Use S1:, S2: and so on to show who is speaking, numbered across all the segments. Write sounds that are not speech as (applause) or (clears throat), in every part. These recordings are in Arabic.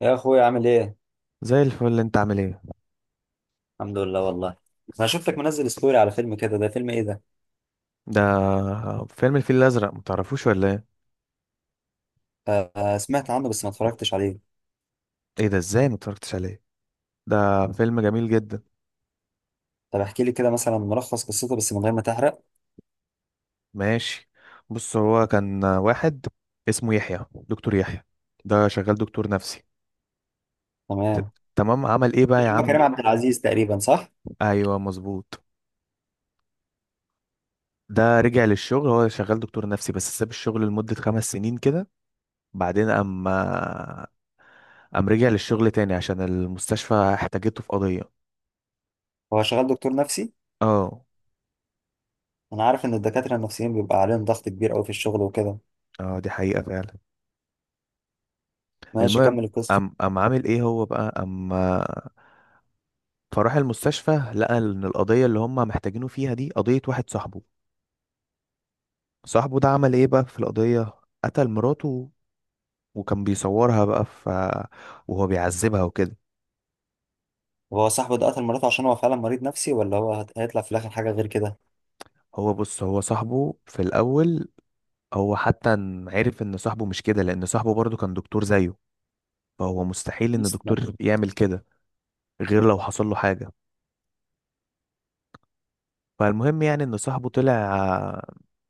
S1: يا اخويا، عامل ايه؟
S2: زي الفل، انت عامل ايه؟
S1: الحمد لله والله. انا شفتك منزل ستوري على فيلم كده، ده فيلم ايه ده؟
S2: ده فيلم الفيل الازرق، متعرفوش ولا ايه؟
S1: آه، آه، سمعت عنه بس ما اتفرجتش عليه.
S2: ايه ده، ازاي متفرجتش عليه؟ ده فيلم جميل جدا.
S1: طب احكي لي كده مثلا ملخص قصته، بس من غير ما تحرق.
S2: ماشي. بص، هو كان واحد اسمه يحيى، دكتور يحيى. ده شغال دكتور نفسي. ت-
S1: تمام.
S2: تمام، عمل ايه بقى يا
S1: فيلم
S2: عم؟
S1: كريم عبد العزيز تقريبا، صح؟
S2: ايوه، مظبوط. ده رجع للشغل، هو شغال دكتور نفسي بس ساب الشغل لمدة 5 سنين كده. بعدين اما قام رجع للشغل تاني عشان المستشفى احتاجته في قضية.
S1: هو شغال دكتور نفسي؟
S2: اه.
S1: انا عارف ان الدكاتره النفسيين بيبقى عليهم ضغط كبير قوي في الشغل وكده.
S2: اه، دي حقيقة فعلا.
S1: ماشي،
S2: المهم،
S1: كمل القصه.
S2: قام عامل ايه هو بقى، قام فراح المستشفى، لقى ان القضية اللي هم محتاجينه فيها دي قضية واحد صاحبه. صاحبه ده عمل ايه بقى في القضية؟ قتل مراته، وكان بيصورها بقى ف وهو بيعذبها وكده.
S1: طب هو صاحبه ده قتل مراته عشان هو فعلا مريض نفسي، ولا هو هيطلع في الاخر حاجه غير كده؟
S2: هو بص، هو صاحبه في الاول، هو حتى عرف ان صاحبه مش كده، لان صاحبه برضه كان دكتور زيه، فهو مستحيل ان
S1: يسلم.
S2: دكتور يعمل كده غير لو حصل له حاجة. فالمهم يعني ان صاحبه طلع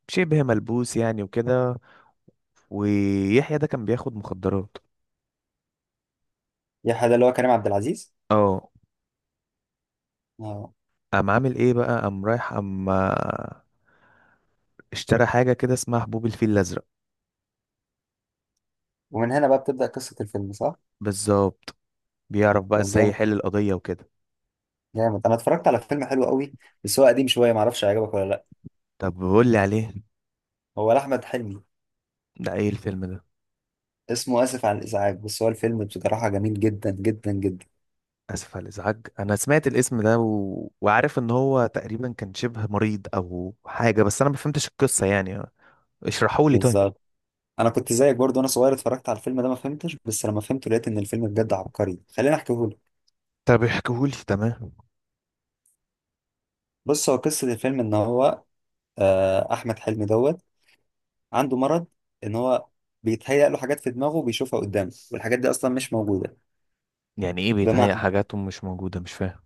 S2: شبه ملبوس يعني وكده، ويحيى ده كان بياخد مخدرات.
S1: يا حدا اللي هو كريم عبد العزيز؟
S2: اه.
S1: اه.
S2: قام عامل ايه بقى، قام رايح، قام اشترى حاجة كده اسمها حبوب الفيل الأزرق.
S1: ومن هنا بقى بتبدا قصه الفيلم، صح؟
S2: بالظبط. بيعرف بقى
S1: طب
S2: ازاي
S1: جامد.
S2: يحل القضية وكده.
S1: جامد، انا اتفرجت على فيلم حلو قوي. بس هو قديم شويه، معرفش هيعجبك ولا لا.
S2: طب بقول لي عليه.
S1: هو لاحمد حلمي.
S2: ده ايه الفيلم ده؟
S1: اسمه اسف على الازعاج، بس هو الفيلم بصراحه جميل جدا جدا جدا.
S2: اسف على الازعاج. انا سمعت الاسم ده وعارف ان هو تقريبا كان شبه مريض او حاجة، بس انا ما فهمتش القصة يعني. اشرحوا لي طيب.
S1: بالظبط. انا كنت زيك برضو، وانا صغير اتفرجت على الفيلم ده ما فهمتش، بس لما فهمته لقيت ان الفيلم بجد عبقري. خليني احكيهولك.
S2: طب احكيهولي، تمام.
S1: بص، هو قصه الفيلم ان هو احمد حلمي دوت عنده مرض، ان هو بيتهيأ له حاجات في دماغه وبيشوفها قدامه، والحاجات دي اصلا مش موجوده.
S2: يعني ايه
S1: بمعنى،
S2: بيتهيأ حاجات مش موجودة؟ مش فاهم.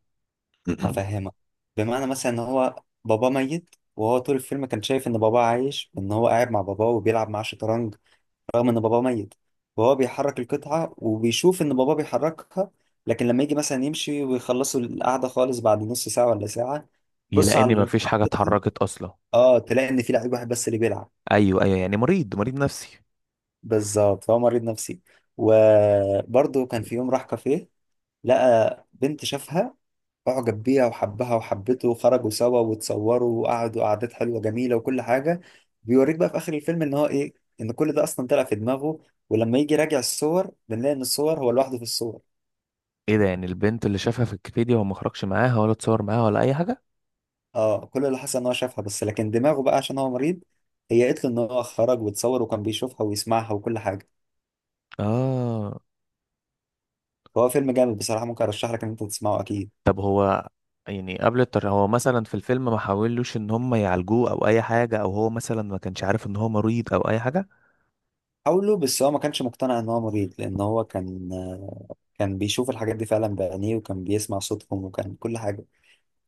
S2: (clears throat)
S1: هفهمك. بمعنى مثلا ان هو باباه ميت، وهو طول الفيلم كان شايف ان باباه عايش، ان هو قاعد مع باباه وبيلعب معاه شطرنج رغم ان باباه ميت. وهو بيحرك القطعة وبيشوف ان باباه بيحركها. لكن لما يجي مثلا يمشي ويخلصوا القعدة خالص بعد نص ساعة ولا ساعة، بص
S2: يلاقي
S1: على
S2: ان مفيش
S1: القطعة
S2: حاجة
S1: (laughs)
S2: اتحركت اصلا.
S1: اه، تلاقي ان في لعيب واحد بس اللي بيلعب.
S2: ايوه، ايوه، يعني مريض، مريض نفسي.
S1: بالظبط، فهو مريض نفسي. وبرضه كان في يوم راح كافيه، لقى بنت شافها، اعجب بيها وحبها وحبته، وخرجوا سوا وتصوروا وقعدوا قعدات حلوه جميله وكل حاجه. بيوريك بقى في اخر الفيلم ان هو ايه؟ ان كل ده اصلا طلع في دماغه. ولما يجي راجع الصور، بنلاقي ان الصور هو لوحده في الصور.
S2: ايه ده، يعني البنت اللي شافها في الكافيتيريا هو ما خرجش معاها ولا اتصور معاها ولا اي حاجه؟
S1: اه، كل اللي حصل ان هو شافها بس، لكن دماغه بقى عشان هو مريض، هي قالت له ان هو خرج وتصور، وكان بيشوفها ويسمعها وكل حاجه.
S2: اه.
S1: فهو فيلم جامد بصراحه، ممكن ارشح لك ان انت تسمعه اكيد.
S2: طب هو، يعني قبل التر، هو مثلا في الفيلم ما حاولوش ان هم يعالجوه او اي حاجه، او هو مثلا ما كانش عارف ان هو مريض او اي حاجه؟
S1: حاوله، بس هو ما كانش مقتنع ان هو مريض، لان هو كان بيشوف الحاجات دي فعلا بعينيه، وكان بيسمع صوتهم وكان كل حاجه.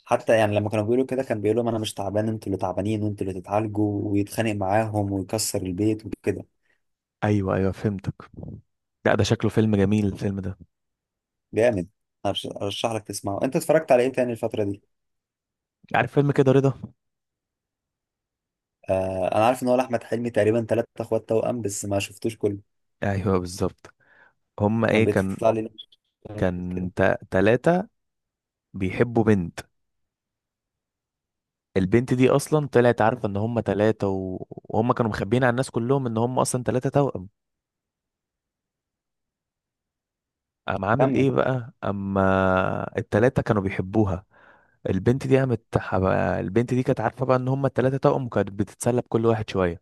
S1: حتى يعني لما كانوا بيقولوا كده، كان بيقول لهم انا مش تعبان، انتوا اللي تعبانين وانتوا اللي تتعالجوا، ويتخانق معاهم ويكسر البيت وكده.
S2: ايوه، ايوه، فهمتك. لا، ده شكله فيلم جميل، الفيلم ده.
S1: جامد. ارشح لك تسمعه. انت اتفرجت على ايه تاني الفتره دي؟
S2: عارف فيلم كده، رضا؟
S1: انا عارف ان هو لاحمد حلمي تقريبا، ثلاثة اخوات توأم بس ما شفتوش كله.
S2: ايوه، بالظبط. هما
S1: كان
S2: ايه كان؟
S1: بيطلع لي كده.
S2: كان تلاتة بيحبوا بنت. البنت دي اصلا طلعت عارفه ان هم ثلاثه وهم كانوا مخبيين على الناس كلهم ان هم اصلا ثلاثه توأم. قام عامل
S1: كمل.
S2: ايه بقى اما الثلاثه كانوا بيحبوها؟ البنت دي قامت ح- البنت دي كانت عارفه بقى ان هم الثلاثه توأم، وكانت بتتسلى بكل واحد شويه.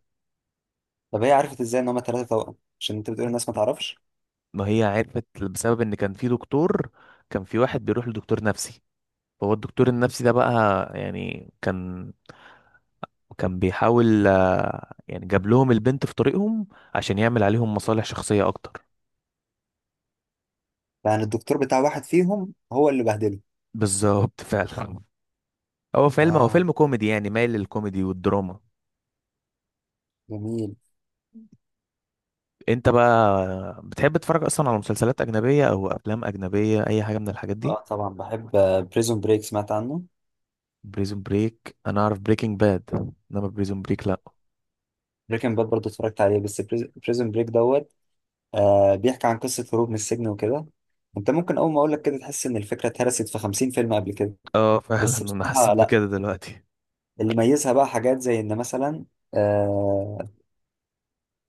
S1: طب هي عرفت ازاي ان هما ثلاثة توأم؟ عشان انت بتقول الناس ما تعرفش.
S2: ما هي عرفت بسبب ان كان في دكتور، كان في واحد بيروح لدكتور نفسي، فهو الدكتور النفسي ده بقى، يعني كان بيحاول يعني جاب لهم البنت في طريقهم عشان يعمل عليهم مصالح شخصيه اكتر.
S1: يعني الدكتور بتاع واحد فيهم هو اللي بهدله؟
S2: بالظبط، فعلا. هو فيلم هو
S1: اه.
S2: فيلم كوميدي يعني، مايل للكوميدي والدراما.
S1: جميل.
S2: انت بقى بتحب تتفرج اصلا على مسلسلات اجنبيه او افلام اجنبيه، اي حاجه من الحاجات دي؟
S1: اه، طبعا بحب. بريزون بريك، سمعت عنه؟
S2: بريزون بريك، انا اعرف بريكنج باد، انما بريزون بريك لا.
S1: بريكنج باد برضه اتفرجت عليه، بس بريزون بريك دوت بيحكي عن قصة هروب من السجن وكده. انت ممكن اول ما اقول لك كده، تحس ان الفكرة اتهرست في 50 فيلم قبل كده.
S2: اه، فعلا
S1: بس
S2: انا حسيت
S1: بصراحة لا.
S2: بكده دلوقتي.
S1: اللي ميزها بقى حاجات زي ان مثلا آه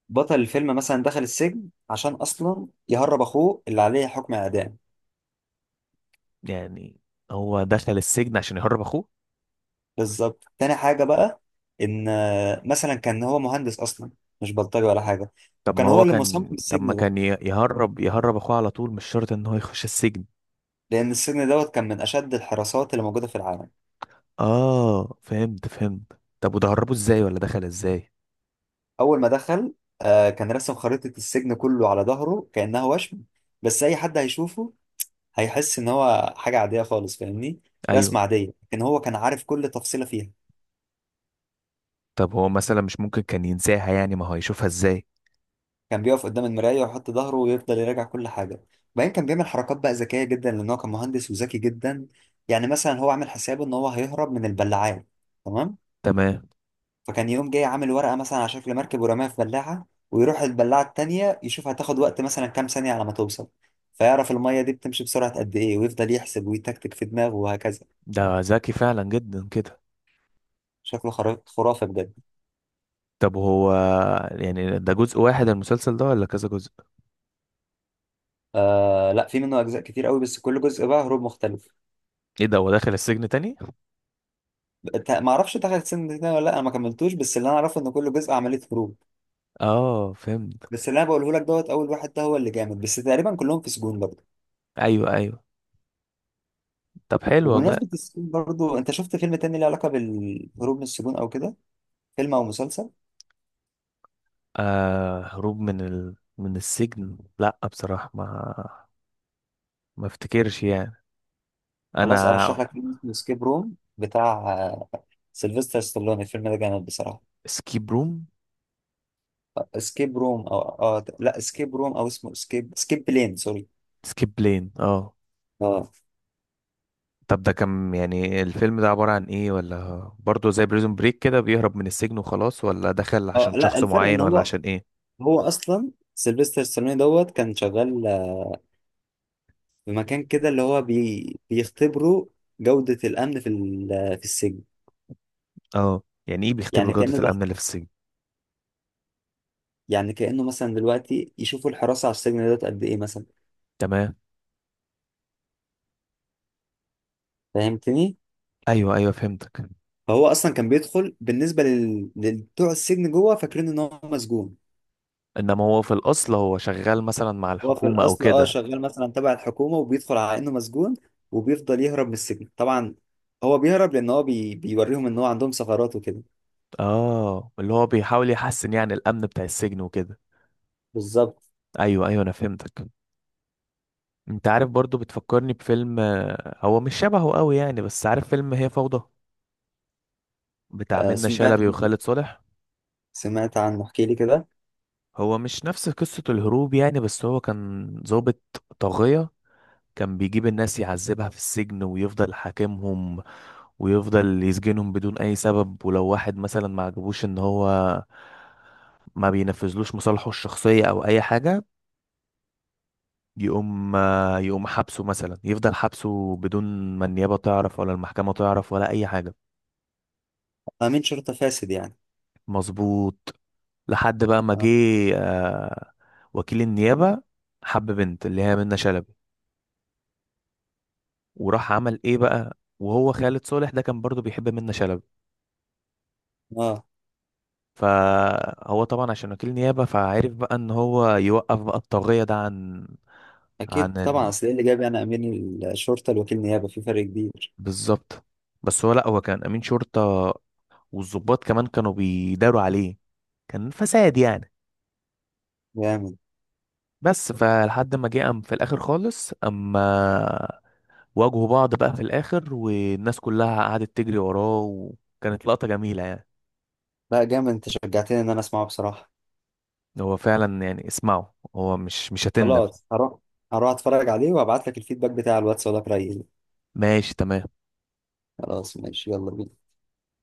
S1: بطل الفيلم مثلا دخل السجن عشان اصلا يهرب اخوه اللي عليه حكم اعدام.
S2: يعني هو دخل السجن عشان يهرب اخوه.
S1: بالظبط. تاني حاجة بقى، ان مثلا كان هو مهندس اصلا، مش بلطجي ولا حاجة. وكان هو اللي مصمم
S2: طب ما
S1: السجن ده،
S2: كان يهرب اخوه على طول، مش شرط ان هو يخش السجن.
S1: لان السجن دوت كان من اشد الحراسات اللي موجودة في العالم.
S2: اه، فهمت، فهمت. طب وده هربه ازاي، ولا دخل ازاي؟
S1: اول ما دخل كان رسم خريطة السجن كله على ظهره كأنها وشم. بس اي حد هيشوفه، هيحس ان هو حاجة عادية خالص، فاهمني؟
S2: ايوه.
S1: رسمة عادية، لكن هو كان عارف كل تفصيلة فيها.
S2: طب هو مثلا مش ممكن كان ينساها؟ يعني ما هو هيشوفها ازاي؟
S1: كان بيقف قدام المراية ويحط ظهره ويفضل يراجع كل حاجة. وبعدين كان بيعمل حركات بقى ذكية جدا، لان هو كان مهندس وذكي جدا. يعني مثلا هو عامل حسابه ان هو هيهرب من البلاعات. تمام.
S2: تمام.
S1: فكان يقوم جاي عامل ورقة مثلا على شكل مركب ورماها في بلاعة، ويروح البلاعة التانية يشوف هتاخد وقت مثلا كام ثانية على ما توصل. فيعرف المية دي بتمشي بسرعة قد إيه، ويفضل يحسب ويتكتك في دماغه وهكذا.
S2: ده ذكي فعلا جدا كده.
S1: شكله خرافة بجد.
S2: طب هو يعني ده جزء واحد المسلسل ده ولا كذا جزء؟
S1: لا، في منه أجزاء كتير قوي، بس كل جزء بقى هروب مختلف.
S2: ايه ده، هو داخل السجن تاني؟
S1: ما أعرفش دخل السن ده ولا لأ، أنا ما كملتوش، بس اللي أنا أعرفه إن كل جزء عملية هروب.
S2: اه، فهمت.
S1: بس اللي أنا بقوله لك دوت أول واحد ده هو اللي جامد، بس تقريبا كلهم في سجون برضه.
S2: ايوه، ايوه. طب حلو والله.
S1: وبمناسبة السجون برضه، أنت شفت فيلم تاني له علاقة بالهروب من السجون أو كده؟ فيلم أو مسلسل؟
S2: آه، هروب من من السجن، لا بصراحة ما افتكرش يعني،
S1: خلاص،
S2: انا.
S1: ارشح لك فيلم اسمه اسكيب روم بتاع آه، سيلفستر ستالوني. الفيلم ده جامد بصراحه.
S2: سكيب روم.
S1: اسكيب روم او اه لا، اسكيب روم، او اسمه اسكيب بلين، سوري.
S2: سكيب بلين، اه.
S1: اه.
S2: طب ده كان يعني الفيلم ده عبارة عن ايه؟ ولا برضه زي بريزون بريك كده، بيهرب من السجن وخلاص، ولا دخل
S1: اه،
S2: عشان
S1: لا،
S2: شخص
S1: الفرق
S2: معين،
S1: ان
S2: ولا
S1: هو،
S2: عشان ايه؟
S1: هو اصلا سيلفستر ستالوني دوت كان شغال، في مكان كده اللي هو بيختبروا جوده الامن في ال- آه، في السجن.
S2: اه، يعني ايه بيختبروا
S1: يعني
S2: جودة
S1: كانه ده،
S2: الامن اللي في السجن؟
S1: يعني كانه مثلا دلوقتي يشوفوا الحراسه على السجن دوت قد ايه مثلا.
S2: تمام.
S1: فهمتني؟
S2: ايوه، ايوه، فهمتك.
S1: فهو اصلا كان بيدخل بالنسبه لبتوع السجن جوه، فاكرين ان هو مسجون.
S2: انما هو في الاصل هو شغال مثلا مع
S1: هو في
S2: الحكومة او
S1: الاصل
S2: كده؟
S1: شغال مثلا تبع الحكومه، وبيدخل على انه مسجون. وبيفضل يهرب من السجن طبعا. هو بيهرب لان هو بيوريهم ان هو عندهم ثغرات وكده.
S2: اه، اللي هو بيحاول يحسن يعني الامن بتاع السجن وكده.
S1: بالظبط.
S2: ايوه، ايوه، انا فهمتك. انت عارف برضو بتفكرني بفيلم، هو مش شبهه قوي يعني، بس عارف فيلم هي فوضى، بتاع منة
S1: سمعت
S2: شلبي
S1: عنه.
S2: وخالد صالح؟
S1: سمعت عنه، احكي لي كده.
S2: هو مش نفس قصة الهروب يعني، بس هو كان ضابط طاغية، كان بيجيب الناس يعذبها في السجن ويفضل حاكمهم، ويفضل يسجنهم بدون اي سبب، ولو واحد مثلا ما عجبوش ان هو ما بينفذلوش مصالحه الشخصية او اي حاجة، يقوم يقوم حبسه مثلا، يفضل حبسه بدون ما النيابة تعرف ولا المحكمة تعرف ولا اي حاجة.
S1: امين شرطه فاسد يعني؟
S2: مظبوط. لحد بقى ما جه
S1: اه.
S2: آه، وكيل النيابة، حب بنت اللي هي منة شلبي، وراح عمل ايه بقى؟ وهو خالد صالح ده كان برضو بيحب منة شلبي.
S1: اه،
S2: فهو طبعا عشان وكيل نيابة، فعرف بقى ان هو يوقف بقى الطاغية ده عن.
S1: اكيد
S2: عن
S1: طبعا،
S2: ال...
S1: اصل ايه اللي جاب يعني امين الشرطه لوكيل نيابه، في فرق كبير.
S2: بالظبط. بس هو، لا هو كان امين شرطة، والضباط كمان كانوا بيداروا عليه، كان فساد يعني.
S1: جامد.
S2: بس فلحد ما جه، قام في الاخر خالص، اما واجهوا بعض بقى في الاخر، والناس كلها قعدت تجري وراه، وكانت لقطة جميلة يعني.
S1: لا، جامد، انت شجعتني ان انا اسمعه بصراحه.
S2: هو فعلا يعني اسمعه، هو مش هتندم.
S1: خلاص، هروح. هروح اتفرج عليه وابعت لك الفيدباك بتاع الواتس ولا رأيي.
S2: ماشي، تمام.
S1: خلاص، ماشي، يلا بينا.